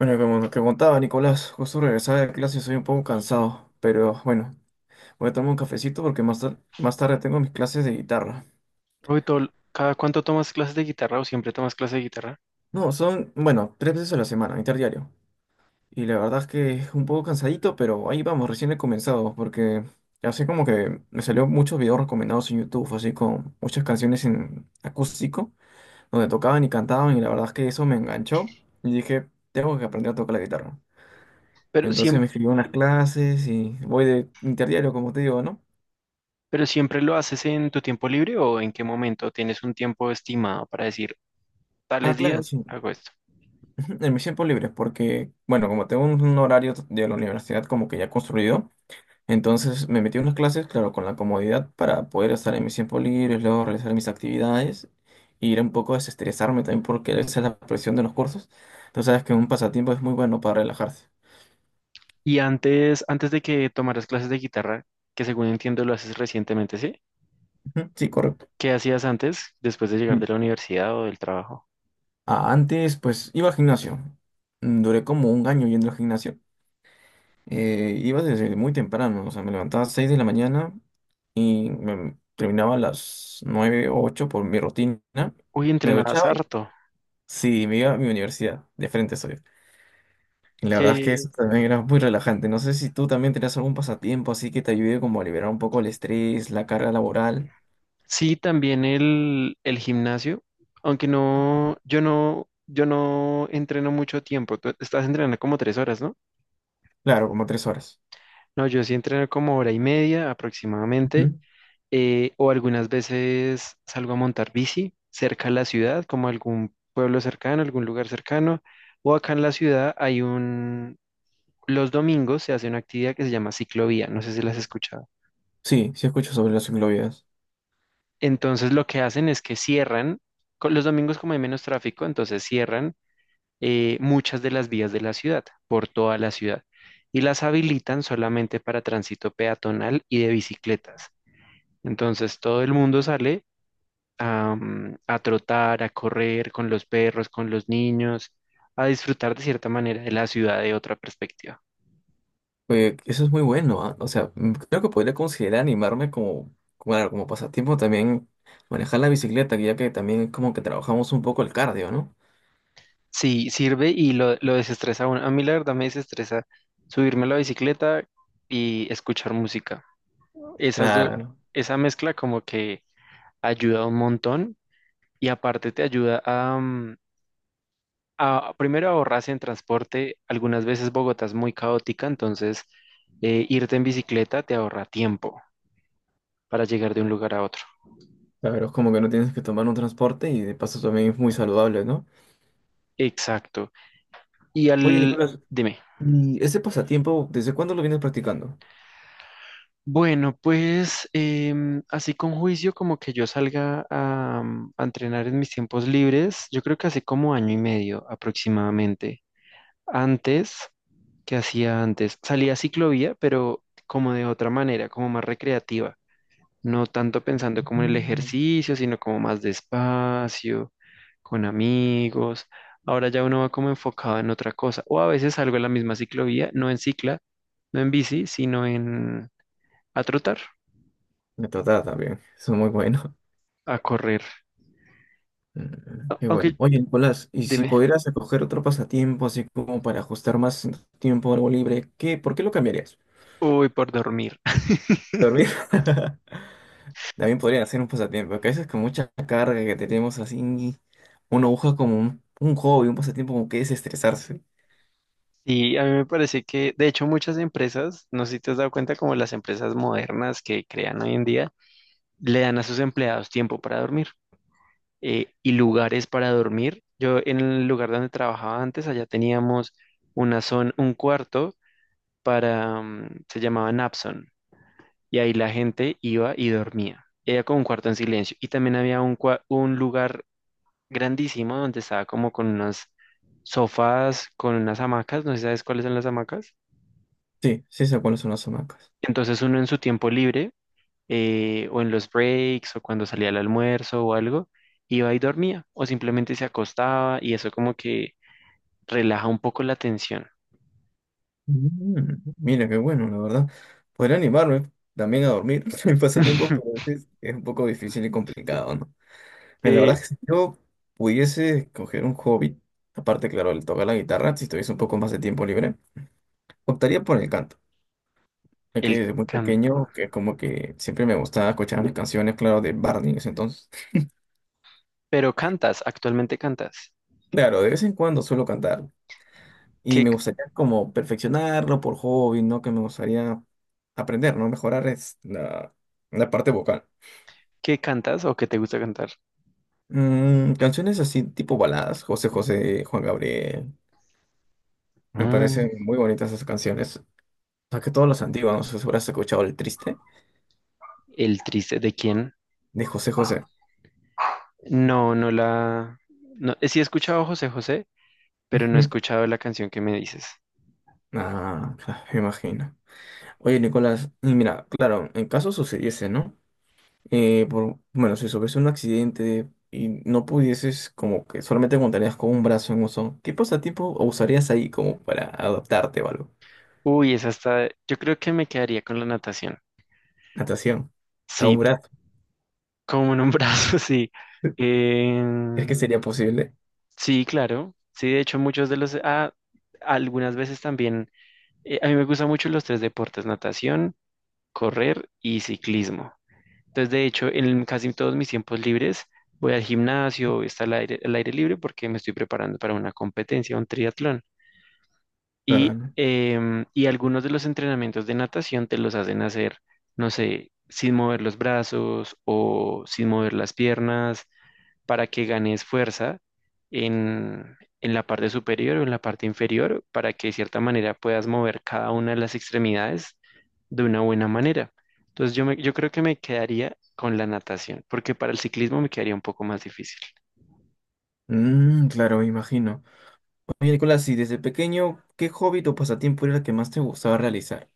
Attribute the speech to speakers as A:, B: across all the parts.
A: Bueno, como te contaba Nicolás, justo regresaba de clase soy un poco cansado, pero bueno, voy a tomar un cafecito porque más, más tarde tengo mis clases de guitarra.
B: Uy, ¿cada cuánto tomas clases de guitarra o siempre tomas clases de guitarra?
A: No, son, bueno, tres veces a la semana, interdiario. Y la verdad es que es un poco cansadito, pero ahí vamos, recién he comenzado, porque así como que me salió muchos videos recomendados en YouTube, así con muchas canciones en acústico, donde tocaban y cantaban, y la verdad es que eso me enganchó y dije, tengo que aprender a tocar la guitarra.
B: Pero
A: Entonces
B: siem-
A: me escribí unas clases y voy de interdiario, como te digo, ¿no?
B: pero siempre lo haces en tu tiempo libre, ¿o en qué momento tienes un tiempo estimado para decir,
A: Ah,
B: tales
A: claro,
B: días
A: sí.
B: hago esto?
A: Ujú. En mis tiempos libres, porque, bueno, como tengo un horario de la universidad como que ya construido, entonces me metí en unas clases, claro, con la comodidad para poder estar en mis tiempos libres, luego realizar mis actividades, e ir un poco a desestresarme también, porque esa es la presión de los cursos. Entonces sabes que un pasatiempo es muy bueno para relajarse.
B: Y antes de que tomaras clases de guitarra, que según entiendo lo haces recientemente, ¿sí?
A: Ujú. Sí, correcto.
B: ¿Qué hacías antes, después de llegar
A: Mm.
B: de la universidad o del trabajo?
A: Ah, antes, pues, iba al gimnasio. Mm. Duré como un año yendo al gimnasio. Iba desde muy temprano, o sea, me levantaba a las 6 de la mañana y terminaba a las 9 o 8 por mi rutina.
B: Uy,
A: Me
B: entrenabas
A: duchaba y
B: harto.
A: sí, me iba a mi universidad, de frente soy. Y la verdad es que
B: Que
A: eso también era muy relajante. No sé si tú también tenías algún pasatiempo así que te ayude como a liberar un poco el estrés, la carga laboral.
B: sí, también el gimnasio, aunque no, yo no entreno mucho tiempo. Tú estás entrenando como tres horas, ¿no?
A: Claro, como tres horas.
B: No, yo sí entreno como hora y media aproximadamente,
A: Ujú.
B: o algunas veces salgo a montar bici cerca de la ciudad, como algún pueblo cercano, algún lugar cercano, o acá en la ciudad hay los domingos se hace una actividad que se llama ciclovía, no sé si las has escuchado.
A: Sí, sí escucho sobre las ciclovías.
B: Entonces lo que hacen es que cierran, con los domingos como hay menos tráfico, entonces cierran muchas de las vías de la ciudad, por toda la ciudad, y las habilitan solamente para tránsito peatonal y de bicicletas. Entonces todo el mundo sale a, a trotar, a correr con los perros, con los niños, a disfrutar de cierta manera de la ciudad, de otra perspectiva.
A: Oye, eso es muy bueno, ¿ah? O sea, mm, creo que podría considerar animarme como, claro, como pasatiempo también manejar la bicicleta, ya que también es como que trabajamos un poco el cardio, ¿no?
B: Sí, sirve y lo desestresa a uno. A mí la verdad me desestresa subirme a la bicicleta y escuchar música. Esas dos,
A: Claro,
B: esa mezcla como que ayuda un montón y aparte te ayuda a, a primero ahorrarse en transporte. Algunas veces Bogotá es muy caótica, entonces irte en bicicleta te ahorra tiempo para llegar de un lugar a otro.
A: claro, es como que no tienes que tomar un transporte y de paso también es muy saludable, ¿no?
B: Exacto. Y
A: Oye,
B: al...
A: Nicolás,
B: Dime.
A: ¿y ese pasatiempo, desde cuándo lo vienes practicando?
B: Bueno, pues así con juicio como que yo salga a, a entrenar en mis tiempos libres, yo creo que hace como año y medio aproximadamente. Antes, ¿qué hacía antes? Salía a ciclovía, pero como de otra manera, como más recreativa, no tanto pensando como en el
A: Mm.
B: ejercicio, sino como más despacio, con amigos. Ahora ya uno va como enfocado en otra cosa. O a veces salgo en la misma ciclovía, no en cicla, no en bici, sino en a trotar,
A: Me trata también, eso es muy bueno.
B: a correr.
A: Mm.
B: A-
A: Qué bueno.
B: Aunque
A: Oye, Nicolás, y si
B: dime,
A: pudieras escoger otro pasatiempo, así como para ajustar más tiempo a algo libre, ¿qué, por qué lo cambiarías?
B: uy, por dormir.
A: ¿Dormir? También podrían hacer un pasatiempo, que a veces con mucha carga que tenemos así, uno busca como un hobby, un pasatiempo como que desestresarse.
B: Y a mí me parece que, de hecho, muchas empresas, no sé si te has dado cuenta, como las empresas modernas que crean hoy en día, le dan a sus empleados tiempo para dormir, y lugares para dormir. Yo en el lugar donde trabajaba antes, allá teníamos una zona, un cuarto para, se llamaba Napson, y ahí la gente iba y dormía. Era como un cuarto en silencio. Y también había un, un lugar grandísimo donde estaba como con unos sofás, con unas hamacas, no sé si sabes cuáles son las hamacas.
A: Sí, sí sé cuáles son las hamacas.
B: Entonces uno en su tiempo libre, o en los breaks, o cuando salía al almuerzo o algo, iba y dormía, o simplemente se acostaba y eso como que relaja un poco la tensión.
A: Mm, mira, qué bueno, la verdad. Podría animarme también a dormir en pasatiempos, pero a veces es un poco difícil y complicado, ¿no? Pero la verdad
B: Que
A: es que si yo pudiese escoger un hobby, aparte, claro, el tocar la guitarra, si tuviese un poco más de tiempo libre, optaría por el canto. Ya que
B: el
A: desde muy
B: canto.
A: pequeño, que como que siempre me gustaba escuchar las canciones, claro, de Barney en ese entonces.
B: Pero cantas, actualmente cantas.
A: Claro, de vez en cuando suelo cantar y
B: ¿Qué,
A: me gustaría como perfeccionarlo por hobby, ¿no? Que me gustaría aprender, ¿no? Mejorar es la, la parte vocal.
B: qué cantas o qué te gusta cantar?
A: Canciones así tipo baladas, José José, Juan Gabriel, me parecen
B: Mm,
A: muy bonitas esas canciones. O sea, que todas las antiguas, no sé si habrás escuchado El Triste
B: el triste, ¿de quién?
A: de José José.
B: No, no la... No, sí he escuchado a José José, pero no he
A: Ujú.
B: escuchado la canción que me dices.
A: Ah, claro, me imagino. Oye, Nicolás, y mira, claro, en caso sucediese, ¿no? Por, bueno, si sufres un accidente y no pudieses, como que solamente contarías con un brazo en uso, ¿qué pasatiempo usarías ahí como para adaptarte o algo?
B: Uy, esa está... Yo creo que me quedaría con la natación.
A: Natación, a un
B: Sí,
A: brazo.
B: como en un brazo, sí. Eh,
A: ¿Crees que sería posible?
B: sí, claro. Sí, de hecho muchos de los... Ah, algunas veces también a mí me gustan mucho los tres deportes, natación, correr y ciclismo. Entonces, de hecho, en casi todos mis tiempos libres voy al gimnasio, está al aire libre porque me estoy preparando para una competencia, un triatlón.
A: Ah,
B: Y,
A: no.
B: y algunos de los entrenamientos de natación te los hacen hacer, no sé, sin mover los brazos o sin mover las piernas para que ganes fuerza en la parte superior o en la parte inferior, para que de cierta manera puedas mover cada una de las extremidades de una buena manera. Entonces yo creo que me quedaría con la natación, porque para el ciclismo me quedaría un poco más difícil.
A: Claro, me imagino. Oye, Nicolás, y desde pequeño, ¿qué hobby o pasatiempo era el que más te gustaba realizar?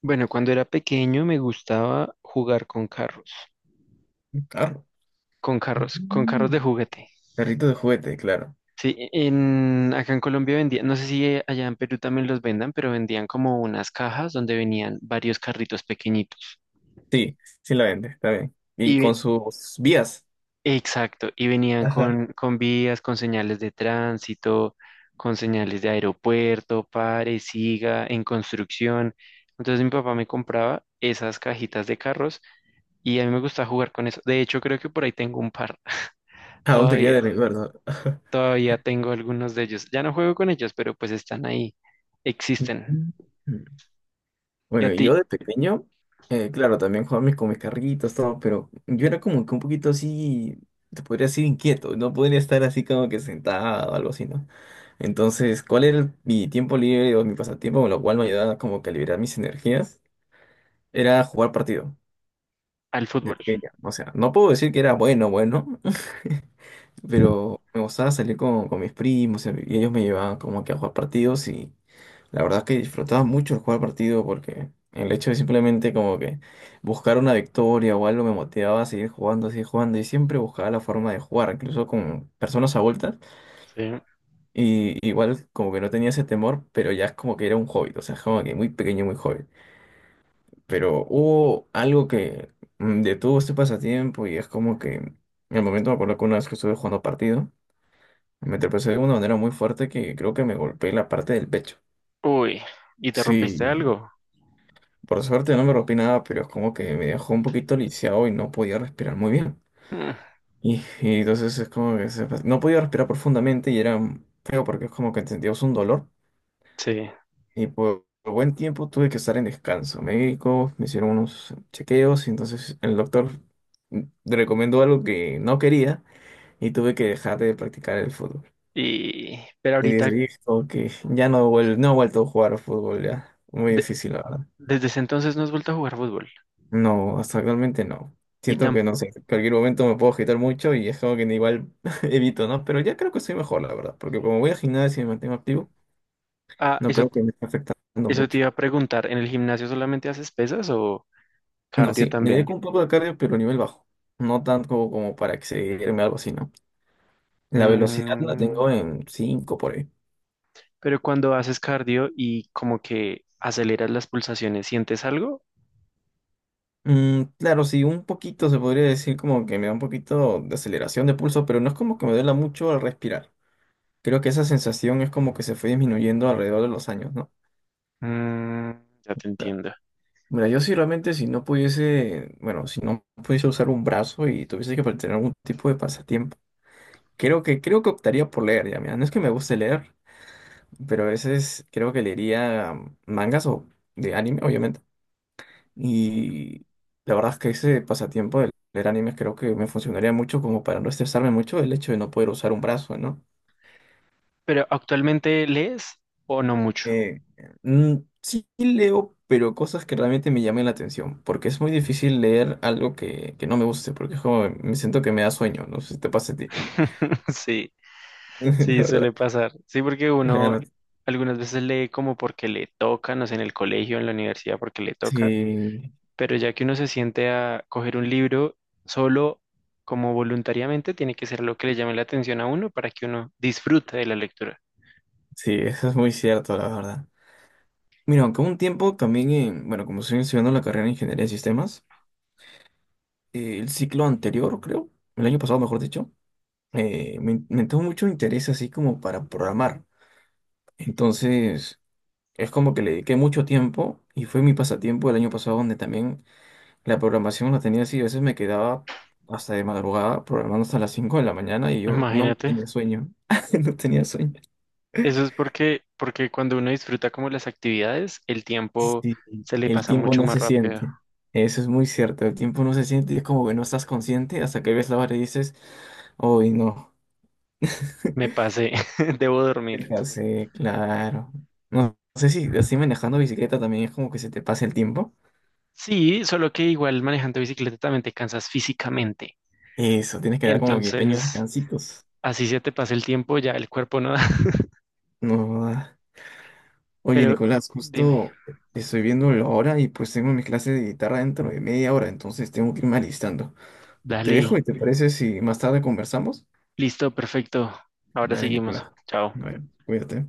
B: Bueno, cuando era pequeño me gustaba jugar con carros,
A: Un carro.
B: con carros, con carros de
A: Mm.
B: juguete.
A: Carrito de juguete, claro.
B: Sí, acá en Colombia vendían, no sé si allá en Perú también los vendan, pero vendían como unas cajas donde venían varios carritos pequeñitos.
A: Sí, sí la vende, está bien. Y
B: Y
A: con sus vías.
B: exacto, y venían
A: Ajá.
B: con vías, con señales de tránsito, con señales de aeropuerto, pare, siga, en construcción. Entonces mi papá me compraba esas cajitas de carros y a mí me gusta jugar con eso. De hecho, creo que por ahí tengo un par.
A: Aún te queda
B: Todavía,
A: de recuerdo.
B: todavía tengo algunos de ellos. Ya no juego con ellos, pero pues están ahí, existen.
A: Ujú.
B: Y a
A: Bueno, y yo
B: ti,
A: de pequeño, claro, también jugaba con mis carritos, todo, pero yo era como que un poquito así, te podría decir inquieto, no podría estar así como que sentado o algo así, ¿no? Entonces, ¿cuál era mi tiempo libre o mi pasatiempo, con lo cual me ayudaba como que a liberar mis energías? Era jugar partido
B: al
A: de
B: fútbol.
A: pequeño. O sea, no puedo decir que era bueno, bueno, pero me gustaba salir con mis primos y ellos me llevaban como que a jugar partidos y la verdad es que disfrutaba mucho el jugar partido porque el hecho de simplemente como que buscar una victoria o algo me motivaba a seguir jugando y siempre buscaba la forma de jugar, incluso con personas adultas.
B: Sí.
A: Y igual como que no tenía ese temor, pero ya es como que era un hobby, o sea, es como que muy pequeño, muy joven. Pero hubo algo que detuvo este pasatiempo y es como que en el momento me acuerdo que una vez que estuve jugando partido, me tropecé de una manera muy fuerte que creo que me golpeé la parte del pecho.
B: Uy, ¿y te rompiste
A: Sí.
B: algo?
A: Por suerte no me rompí nada, pero es como que me dejó un poquito lisiado y no podía respirar muy bien.
B: Mm,
A: Y entonces es como que no podía respirar profundamente y era feo porque es como que sentías un dolor.
B: sí.
A: Y por buen tiempo tuve que estar en descanso médico, me hicieron unos chequeos y entonces el doctor mm, recomendó algo que no quería y tuve que dejar de practicar el fútbol.
B: Y pero
A: Y
B: ahorita,
A: decidí que ya no, no he vuelto a jugar al fútbol ya. Muy
B: de-
A: difícil, ahora.
B: desde ese entonces no has vuelto a jugar fútbol.
A: No, hasta actualmente no.
B: Y
A: Siento
B: tam
A: que no sé, en cualquier momento me puedo agitar mucho y es como que igual evito, ¿no? Pero ya creo que soy mejor, la verdad, porque como voy a gimnasio y me mantengo activo,
B: ah,
A: no
B: eso,
A: creo que me esté afectando
B: eso te
A: mucho.
B: iba a preguntar, ¿en el gimnasio solamente haces pesas o
A: No,
B: cardio
A: sí, me
B: también?
A: dedico un poco de cardio, pero a nivel bajo. No tanto como, como para excederme o algo así, ¿no? La velocidad la tengo
B: Mm,
A: en 5 por ahí.
B: pero cuando haces cardio y como que aceleras las pulsaciones, ¿sientes algo?
A: Mm, claro, sí, un poquito se podría decir como que me da un poquito de aceleración de pulso, pero no es como que me duela mucho al respirar. Creo que esa sensación es como que se fue disminuyendo alrededor de los años, ¿no?
B: Mm, ya te entiendo.
A: Mira, yo si realmente si no pudiese, bueno, si no pudiese usar un brazo y tuviese que tener algún tipo de pasatiempo, creo que optaría por leer, ya, mira, no es que me guste leer, pero a veces creo que leería mangas o de anime, obviamente, y la verdad es que ese pasatiempo de leer animes creo que me funcionaría mucho como para no estresarme mucho el hecho de no poder usar un brazo, ¿no?
B: Pero actualmente lees o no mucho.
A: Eh, mm, sí leo, pero cosas que realmente me llamen la atención, porque es muy difícil leer algo que no me guste, porque es como, me siento que me da sueño, no sé si te pasa a ti,
B: Sí,
A: la
B: sí, suele
A: verdad.
B: pasar. Sí, porque uno
A: Claro,
B: algunas veces lee como porque le toca, no sé, en el colegio, en la universidad, porque le toca,
A: sí,
B: pero ya que uno se siente a coger un libro solo, como voluntariamente, tiene que ser lo que le llame la atención a uno para que uno disfrute de la lectura.
A: sí, eso es muy cierto, la verdad. Mira, aunque hubo un tiempo también, bueno, como estoy estudiando la carrera de Ingeniería de Sistemas, el ciclo anterior, creo, el año pasado, mejor dicho, me entró mucho interés así como para programar. Entonces... Es como que le dediqué mucho tiempo y fue mi pasatiempo el año pasado donde también la programación la tenía así. A veces me quedaba hasta de madrugada programando hasta las 5 de la mañana y yo no
B: Imagínate,
A: tenía sueño. No tenía sueño.
B: eso es porque, porque cuando uno disfruta como las actividades, el tiempo
A: Sí,
B: se le
A: el
B: pasa
A: tiempo
B: mucho
A: no
B: más
A: se
B: rápido.
A: siente. Eso es muy cierto. El tiempo no se siente y es como que no estás consciente hasta que ves la hora y dices, hoy no.
B: Me pasé, debo dormir.
A: Sí, claro. No sé si así manejando bicicleta también es como que se te pasa el tiempo.
B: Sí, solo que igual manejando bicicleta también te cansas físicamente.
A: Eso, tienes que dar como que pequeños
B: Entonces,
A: descansitos.
B: así se te pasa el tiempo, ya el cuerpo no da.
A: No. Ah. Oye,
B: Pero
A: Nicolás,
B: dime,
A: justo estoy viendo la hora y pues tengo mi clase de guitarra dentro de media hora, entonces tengo que irme alistando. Te dejo
B: dale.
A: y te parece si más tarde conversamos.
B: Listo, perfecto. Ahora
A: Dale,
B: seguimos.
A: Nicolás.
B: Chao.
A: Bueno, cuídate.